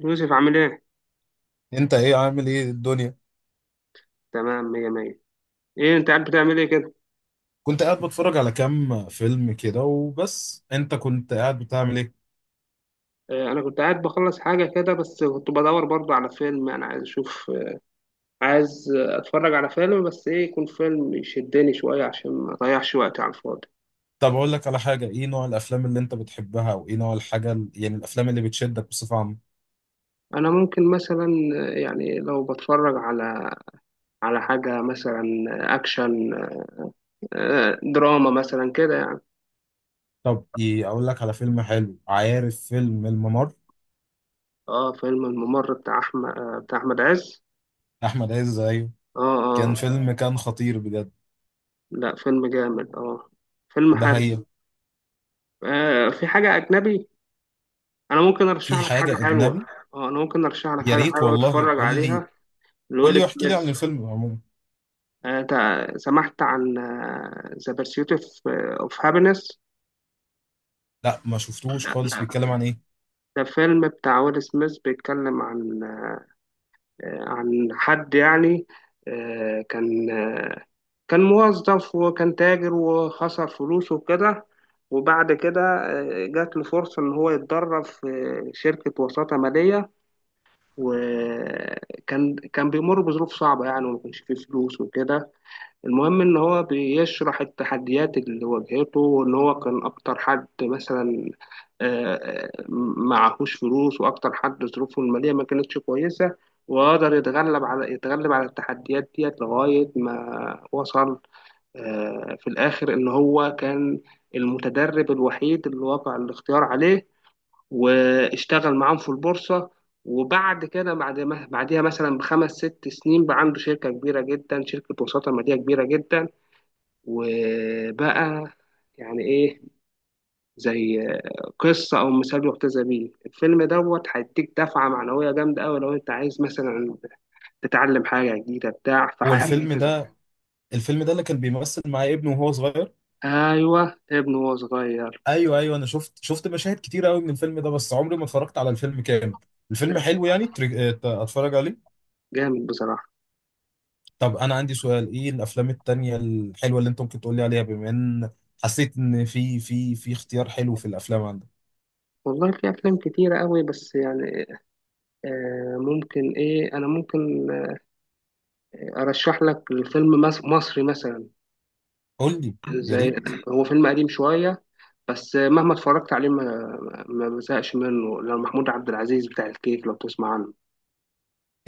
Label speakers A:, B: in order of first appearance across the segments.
A: يوسف عامل ايه؟
B: انت ايه عامل ايه الدنيا؟
A: تمام، مية مية. ايه، انت قاعد بتعمل ايه كده؟
B: كنت قاعد بتفرج على كام فيلم كده وبس. انت كنت قاعد بتعمل ايه؟
A: اه، انا كنت قاعد بخلص حاجة كده، بس كنت بدور برضو على فيلم انا عايز اشوف. عايز اتفرج على فيلم، بس ايه يكون فيلم يشدني شوية عشان ما اضيعش وقتي على الفاضي.
B: طب اقول لك على حاجه. ايه نوع الافلام اللي انت بتحبها، وايه نوع الحاجه يعني الافلام اللي بتشدك بصفه عامه؟
A: انا ممكن مثلا يعني لو بتفرج على حاجة مثلا، اكشن، دراما مثلا كده يعني.
B: طب ايه، اقول لك على فيلم حلو. عارف فيلم الممر؟
A: اه، فيلم الممر بتاع احمد عز.
B: احمد عز، ايوه.
A: اه، اه.
B: كان فيلم، كان خطير بجد.
A: لا، فيلم جامد، اه. فيلم
B: ده
A: حلو.
B: هي،
A: في حاجة أجنبي؟ انا ممكن ارشح
B: في
A: لك حاجه
B: حاجه
A: حلوه.
B: اجنبي؟
A: اه، انا ممكن ارشح لك
B: يا
A: حاجه
B: ريت
A: حلوه
B: والله،
A: اتفرج
B: قول لي.
A: عليها.
B: قول لي
A: لويل
B: واحكي لي
A: سميث.
B: عن الفيلم عموما.
A: سمعت عن ذا بيرسيوت اوف هابينس.
B: لا، ما شفتوش
A: لا،
B: خالص.
A: لا.
B: بيتكلم عن ايه؟
A: ده فيلم بتاع ويل سميث بيتكلم عن عن حد يعني، آه، كان آه، كان موظف وكان تاجر وخسر فلوسه وكده. وبعد كده جات له فرصة إن هو يتدرب في شركة وساطة مالية. وكان بيمر بظروف صعبة يعني، وما كانش فيه فلوس وكده. المهم إن هو بيشرح التحديات اللي واجهته وإن هو كان أكتر حد مثلا آه، آه، معهوش فلوس، وأكتر حد ظروفه المالية ما كانتش كويسة، وقدر يتغلب على التحديات ديت لغاية ما وصل في الآخر إن هو كان المتدرب الوحيد اللي وقع الاختيار عليه، واشتغل معاهم في البورصة. وبعد كده، بعد ما بعديها مثلا بخمس ست سنين، بقى عنده شركة كبيرة جدا، شركة وساطة مالية كبيرة جدا. وبقى يعني ايه، زي قصة أو مثال يحتذى بيه. الفيلم دوت هيديك دفعة معنوية جامدة أوي لو أنت عايز مثلا تتعلم حاجة جديدة بتاع،
B: هو الفيلم
A: فهيحفزك.
B: ده، اللي كان بيمثل معاه ابنه وهو صغير؟
A: أيوه، ابنه وهو صغير.
B: ايوه، ايوه، انا شفت مشاهد كتير قوي من الفيلم ده، بس عمري ما اتفرجت على الفيلم كامل. الفيلم حلو يعني، اتفرج عليه.
A: جامد بصراحة.
B: طب انا عندي سؤال. ايه الافلام التانية الحلوة اللي انت ممكن تقول لي عليها؟ بما ان حسيت ان في اختيار حلو في الافلام عندك.
A: والله في أفلام كتيرة أوي، بس يعني آه ممكن إيه أنا ممكن ارشح لك فيلم مصري مثلا.
B: قول لي، يا
A: زي،
B: ريت.
A: هو فيلم قديم شويه، بس مهما اتفرجت عليه ما بزهقش منه. لو محمود عبد العزيز بتاع الكيف، لو تسمع عنه.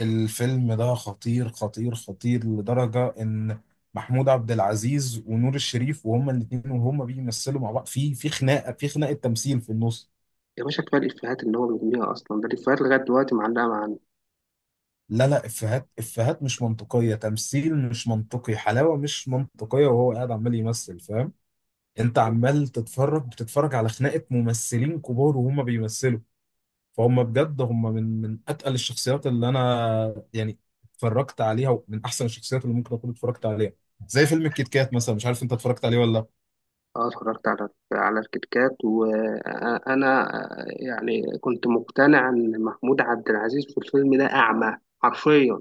B: الفيلم ده خطير خطير خطير لدرجة ان محمود عبد العزيز ونور الشريف، وهما الاثنين وهما بيمثلوا مع بعض، في خناقة، في خناقة تمثيل في النص.
A: يا باشا كفايه الافيهات اللي هو بيرميها، اصلا ده الافيهات لغايه دلوقتي معلقه معانا.
B: لا لا، افيهات افيهات مش منطقيه، تمثيل مش منطقي، حلاوه مش منطقيه، وهو قاعد عمال يمثل، فاهم. انت عمال بتتفرج على خناقه ممثلين كبار وهم بيمثلوا. فهم بجد، هم من اتقل الشخصيات اللي انا يعني اتفرجت عليها، ومن احسن الشخصيات اللي ممكن اكون اتفرجت عليها. زي فيلم الكيت كات مثلا، مش عارف انت اتفرجت عليه ولا لا.
A: اه، اتفرجت على الكتكات، وانا يعني كنت مقتنع ان محمود عبد العزيز في الفيلم ده اعمى، حرفيا.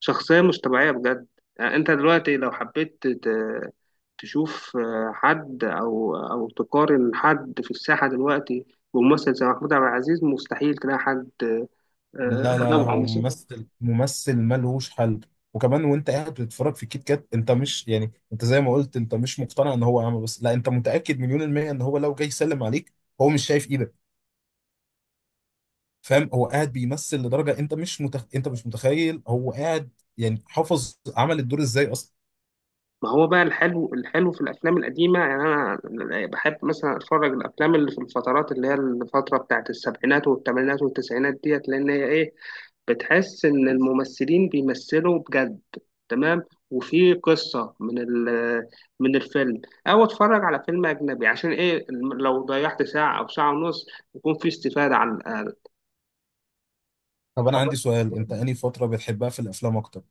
A: شخصية مش طبيعية بجد. يعني انت دلوقتي لو حبيت تشوف حد او تقارن حد في الساحة دلوقتي بممثل زي محمود عبد العزيز، مستحيل تلاقي حد
B: لا لا لا،
A: نوعه
B: هو
A: مثلا.
B: ممثل، ممثل ملهوش حل. وكمان، وانت قاعد بتتفرج في كيت كات، انت مش يعني، انت زي ما قلت، انت مش مقتنع ان هو اعمى، بس لا، انت متاكد مليون الميه ان هو لو جاي يسلم عليك هو مش شايف ايدك، فاهم. هو قاعد بيمثل لدرجه انت مش متخيل هو قاعد، يعني حافظ عمل الدور ازاي اصلا.
A: ما هو بقى، الحلو، الحلو في الافلام القديمة، يعني انا بحب مثلا اتفرج الافلام اللي في الفترات اللي هي الفترة بتاعت السبعينات والثمانينات والتسعينات ديت، لان هي ايه، بتحس ان الممثلين بيمثلوا بجد. تمام. وفي قصة من الفيلم. او اتفرج على فيلم اجنبي عشان ايه لو ضيعت ساعة او ساعة ونص، يكون في استفادة على الاقل.
B: طب انا عندي سؤال. انت انهي فتره بتحبها في الافلام اكتر،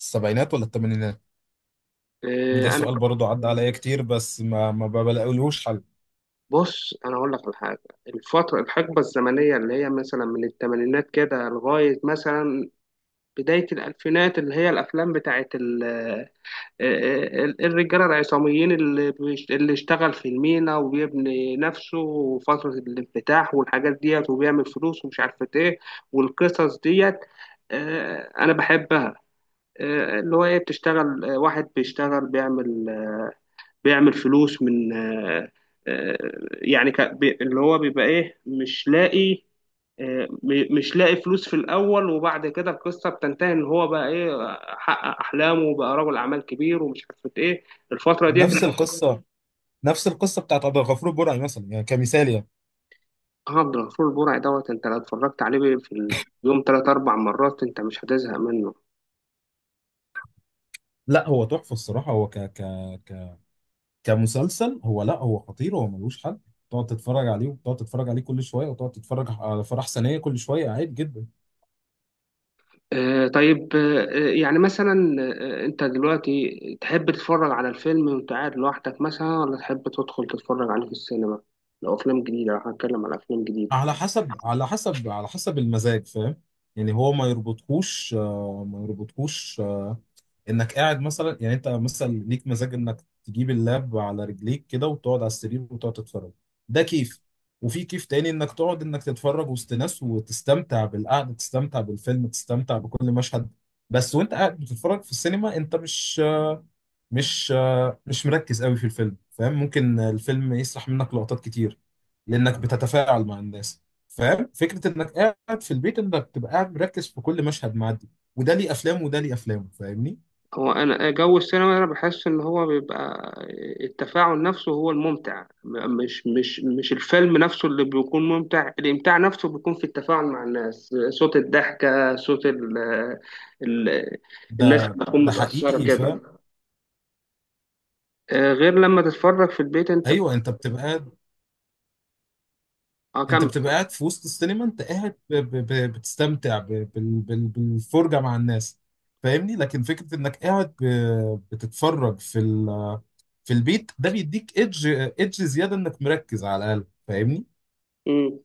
B: السبعينات ولا الثمانينات؟ ده
A: إيه، انا،
B: سؤال برضه عدى عليا كتير، بس ما بلاقيلهوش حل.
A: بص انا اقول لك على حاجة. الفترة الحقبة الزمنية اللي هي مثلا من الثمانينات كده لغاية مثلا بداية الألفينات، اللي هي الأفلام بتاعت الرجاله العصاميين، اللي اشتغل في المينا وبيبني نفسه وفتره الانفتاح والحاجات ديت، وبيعمل فلوس، ومش عارفه ايه، والقصص ديت. انا بحبها. آه، اللي هو ايه بتشتغل آه، واحد بيشتغل بيعمل فلوس من آه، يعني اللي هو بيبقى ايه، مش لاقي مش لاقي فلوس في الاول، وبعد كده القصه بتنتهي ان هو بقى ايه، حقق احلامه وبقى رجل اعمال كبير ومش عارف ايه. الفتره ديت
B: نفس
A: انت.
B: القصه، نفس القصه بتاعت عبد الغفور البرعي مثلا، يعني كمثال يعني.
A: عبد الغفور البرعي دوت، انت لو اتفرجت عليه في اليوم ثلاث اربع مرات، انت مش هتزهق منه.
B: لا، هو تحفه الصراحه، هو ك ك ك كمسلسل، هو لا، هو خطير، هو ملوش حل. تقعد تتفرج عليه وتقعد تتفرج عليه كل شويه، وتقعد تتفرج على فرح سنيه كل شويه، عادي جدا.
A: طيب، يعني مثلا انت دلوقتي تحب تتفرج على الفيلم وانت قاعد لوحدك مثلا، ولا تحب تدخل تتفرج عليه في السينما؟ لو افلام جديده، لو هنتكلم على افلام جديده.
B: على حسب، على حسب، على حسب المزاج، فاهم. يعني هو ما يربطكوش انك قاعد مثلا، يعني انت مثلا ليك مزاج انك تجيب اللاب على رجليك كده وتقعد على السرير وتقعد تتفرج، ده كيف. وفي كيف تاني، انك تقعد، انك تتفرج وسط ناس وتستمتع بالقعده، تستمتع بالفيلم، تستمتع بكل مشهد. بس وانت قاعد بتتفرج في السينما، انت مش مش مركز قوي في الفيلم، فاهم، ممكن الفيلم يسرح منك لقطات كتير لانك بتتفاعل مع الناس، فاهم. فكره انك قاعد في البيت انك تبقى قاعد مركز في كل مشهد معدي، وده ليه افلام، فاهمني.
A: هو انا جو السينما انا بحس ان هو بيبقى التفاعل نفسه هو الممتع. مش الفيلم نفسه اللي بيكون ممتع، الامتاع نفسه بيكون في التفاعل مع الناس، صوت الضحكه، صوت ال آه، ال الناس
B: ده
A: بتكون
B: ده
A: متاثره
B: حقيقي، فاهم.
A: كده. غير لما تتفرج في البيت انت.
B: ايوه،
A: اه،
B: انت
A: كمل.
B: بتبقى قاعد في وسط السينما، انت قاعد بتستمتع بالفرجه مع الناس، فاهمني. لكن فكره انك قاعد بتتفرج في في البيت، ده بيديك ايدج زياده انك مركز على الاقل، فاهمني.
A: مم.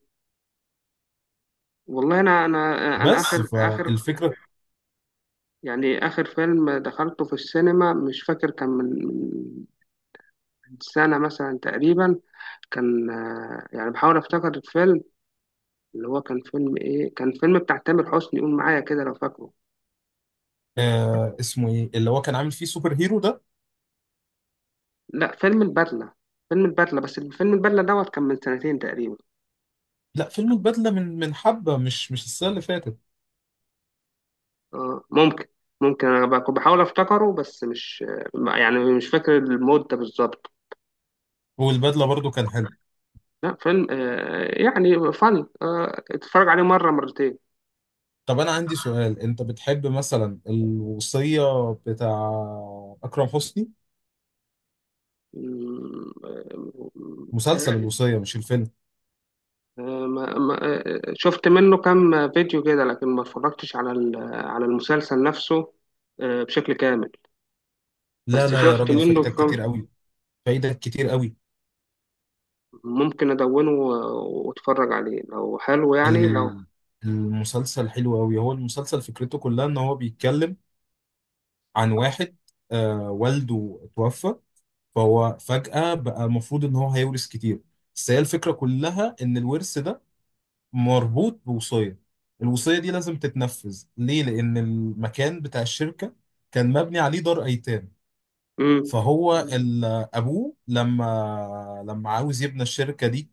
A: والله، انا
B: بس
A: اخر اخر
B: فالفكره.
A: يعني اخر فيلم دخلته في السينما، مش فاكر كان من سنة مثلا تقريبا. كان يعني بحاول افتكر الفيلم. اللي هو كان فيلم بتاع تامر حسني، قول معايا كده لو فاكره.
B: اسمه ايه اللي هو كان عامل فيه سوبر هيرو ده؟
A: لا، فيلم البدلة، فيلم البدلة. بس فيلم البدلة دوت كان من سنتين تقريبا.
B: لا فيلم البدله، من حبه، مش السنه اللي فاتت.
A: اه، ممكن، كنت بحاول افتكره، بس مش آه، يعني مش فاكر المدة بالظبط.
B: والبدله برضو كان حلو.
A: لا، فيلم يعني فن، اتفرج عليه مرة مرتين.
B: طب انا عندي سؤال. انت بتحب مثلا الوصية بتاع اكرم حسني؟
A: مم،
B: مسلسل
A: متهيألي.
B: الوصية، مش الفيلم.
A: آه، ما ما آه، شفت منه كام فيديو كده، لكن ما اتفرجتش على المسلسل نفسه بشكل كامل.
B: لا
A: بس
B: لا يا
A: شفت
B: راجل،
A: منه
B: فايتك
A: كام.
B: كتير قوي، فايتك كتير قوي.
A: ممكن ادونه واتفرج عليه لو حلو يعني، لو.
B: ال- المسلسل حلو قوي. هو المسلسل فكرته كلها ان هو بيتكلم عن واحد والده توفى، فهو فجأة بقى المفروض ان هو هيورث كتير. بس هي الفكرة كلها ان الورث ده مربوط بوصية، الوصية دي لازم تتنفذ. ليه؟ لأن المكان بتاع الشركة كان مبني عليه دار أيتام.
A: مم.
B: فهو أبوه لما عاوز يبني الشركة دي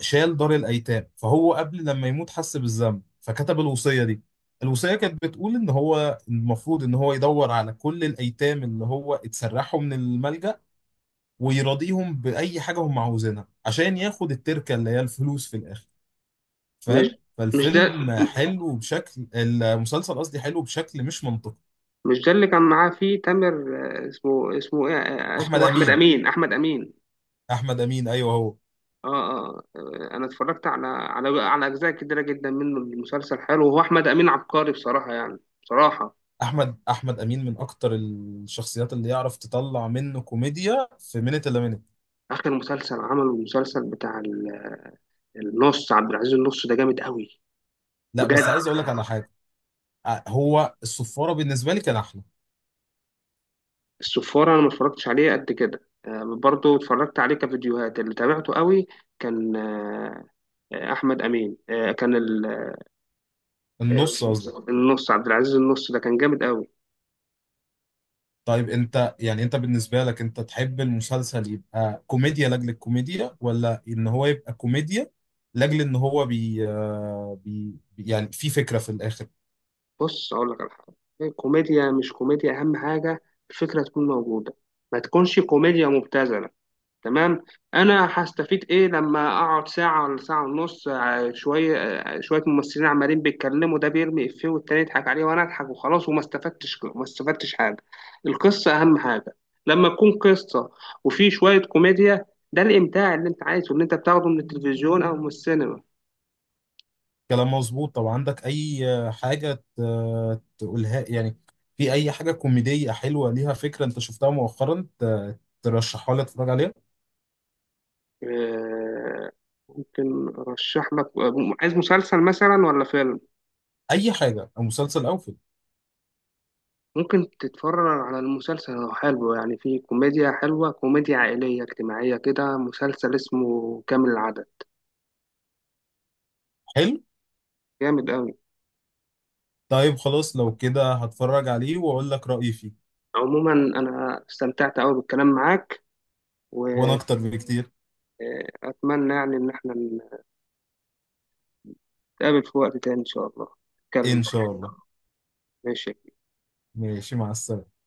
B: شال دار الأيتام، فهو قبل لما يموت حس بالذنب فكتب الوصية دي. الوصية كانت بتقول إن هو المفروض إن هو يدور على كل الأيتام اللي هو اتسرحوا من الملجأ ويراضيهم بأي حاجة هم عاوزينها، عشان ياخد التركة اللي هي الفلوس في الآخر،
A: مش
B: فاهم.
A: مش ده
B: فالفيلم حلو بشكل، المسلسل قصدي، حلو بشكل مش منطقي.
A: مش ده اللي كان معاه فيه تامر. اسمه ايه؟
B: احمد
A: اسمه احمد
B: امين،
A: امين، احمد امين.
B: احمد امين، ايوه هو.
A: اه، انا اتفرجت على اجزاء كتيره جدا منه. المسلسل حلو، وهو احمد امين عبقري بصراحه، يعني بصراحه.
B: احمد امين من اكتر الشخصيات اللي يعرف تطلع منه كوميديا في منت الا منت.
A: اخر مسلسل عمله المسلسل بتاع النص عبد العزيز، النص ده جامد قوي.
B: لا
A: بجد.
B: بس عايز اقول لك على حاجه. هو الصفاره بالنسبه لي كان احلى.
A: السفاره انا ما اتفرجتش عليه قد كده، آه، برضه اتفرجت عليه كفيديوهات، اللي تابعته قوي. كان، احمد امين. كان آه،
B: النص قصدي.
A: النص عبد العزيز، النص ده كان جامد قوي.
B: طيب، انت يعني، انت بالنسبه لك انت تحب المسلسل يبقى كوميديا لاجل الكوميديا، ولا ان هو يبقى كوميديا لاجل ان هو بي, آه، بي بي- يعني في فكره في الاخر؟
A: بص اقول لك على حاجه، كوميديا مش كوميديا اهم حاجه، الفكره تكون موجوده. ما تكونش كوميديا مبتذله. تمام. انا هستفيد ايه لما اقعد ساعه ولا ساعه ونص شويه ممثلين عمالين بيتكلموا، ده بيرمي افيه والتاني يضحك عليه وانا اضحك وخلاص، وما استفدتش، ما استفدتش حاجه. القصه اهم حاجه. لما تكون قصه وفي شويه كوميديا، ده الامتاع اللي انت عايزه، اللي انت بتاخده من التلفزيون او من السينما.
B: كلام مظبوط. طب عندك اي حاجة تقولها يعني؟ في اي حاجة كوميدية حلوة ليها فكرة انت شفتها مؤخرا ترشحها لي اتفرج عليها؟
A: آه، ممكن ارشح لك. عايز مسلسل مثلا ولا فيلم؟
B: اي حاجة، او مسلسل او فيلم.
A: ممكن تتفرج على المسلسل، هو حلو يعني، في كوميديا حلوة، كوميديا عائلية اجتماعية كده، مسلسل اسمه كامل العدد.
B: حلو.
A: جامد قوي.
B: طيب خلاص، لو كده هتفرج عليه واقول لك رأيي فيه.
A: عموما انا استمتعت قوي بالكلام معاك،
B: وانا
A: واتمنى
B: اكتر بكتير.
A: يعني ان احنا نتقابل في وقت تاني ان شاء الله، نتكلم.
B: ان شاء الله.
A: ماشي.
B: ماشي، مع السلامة.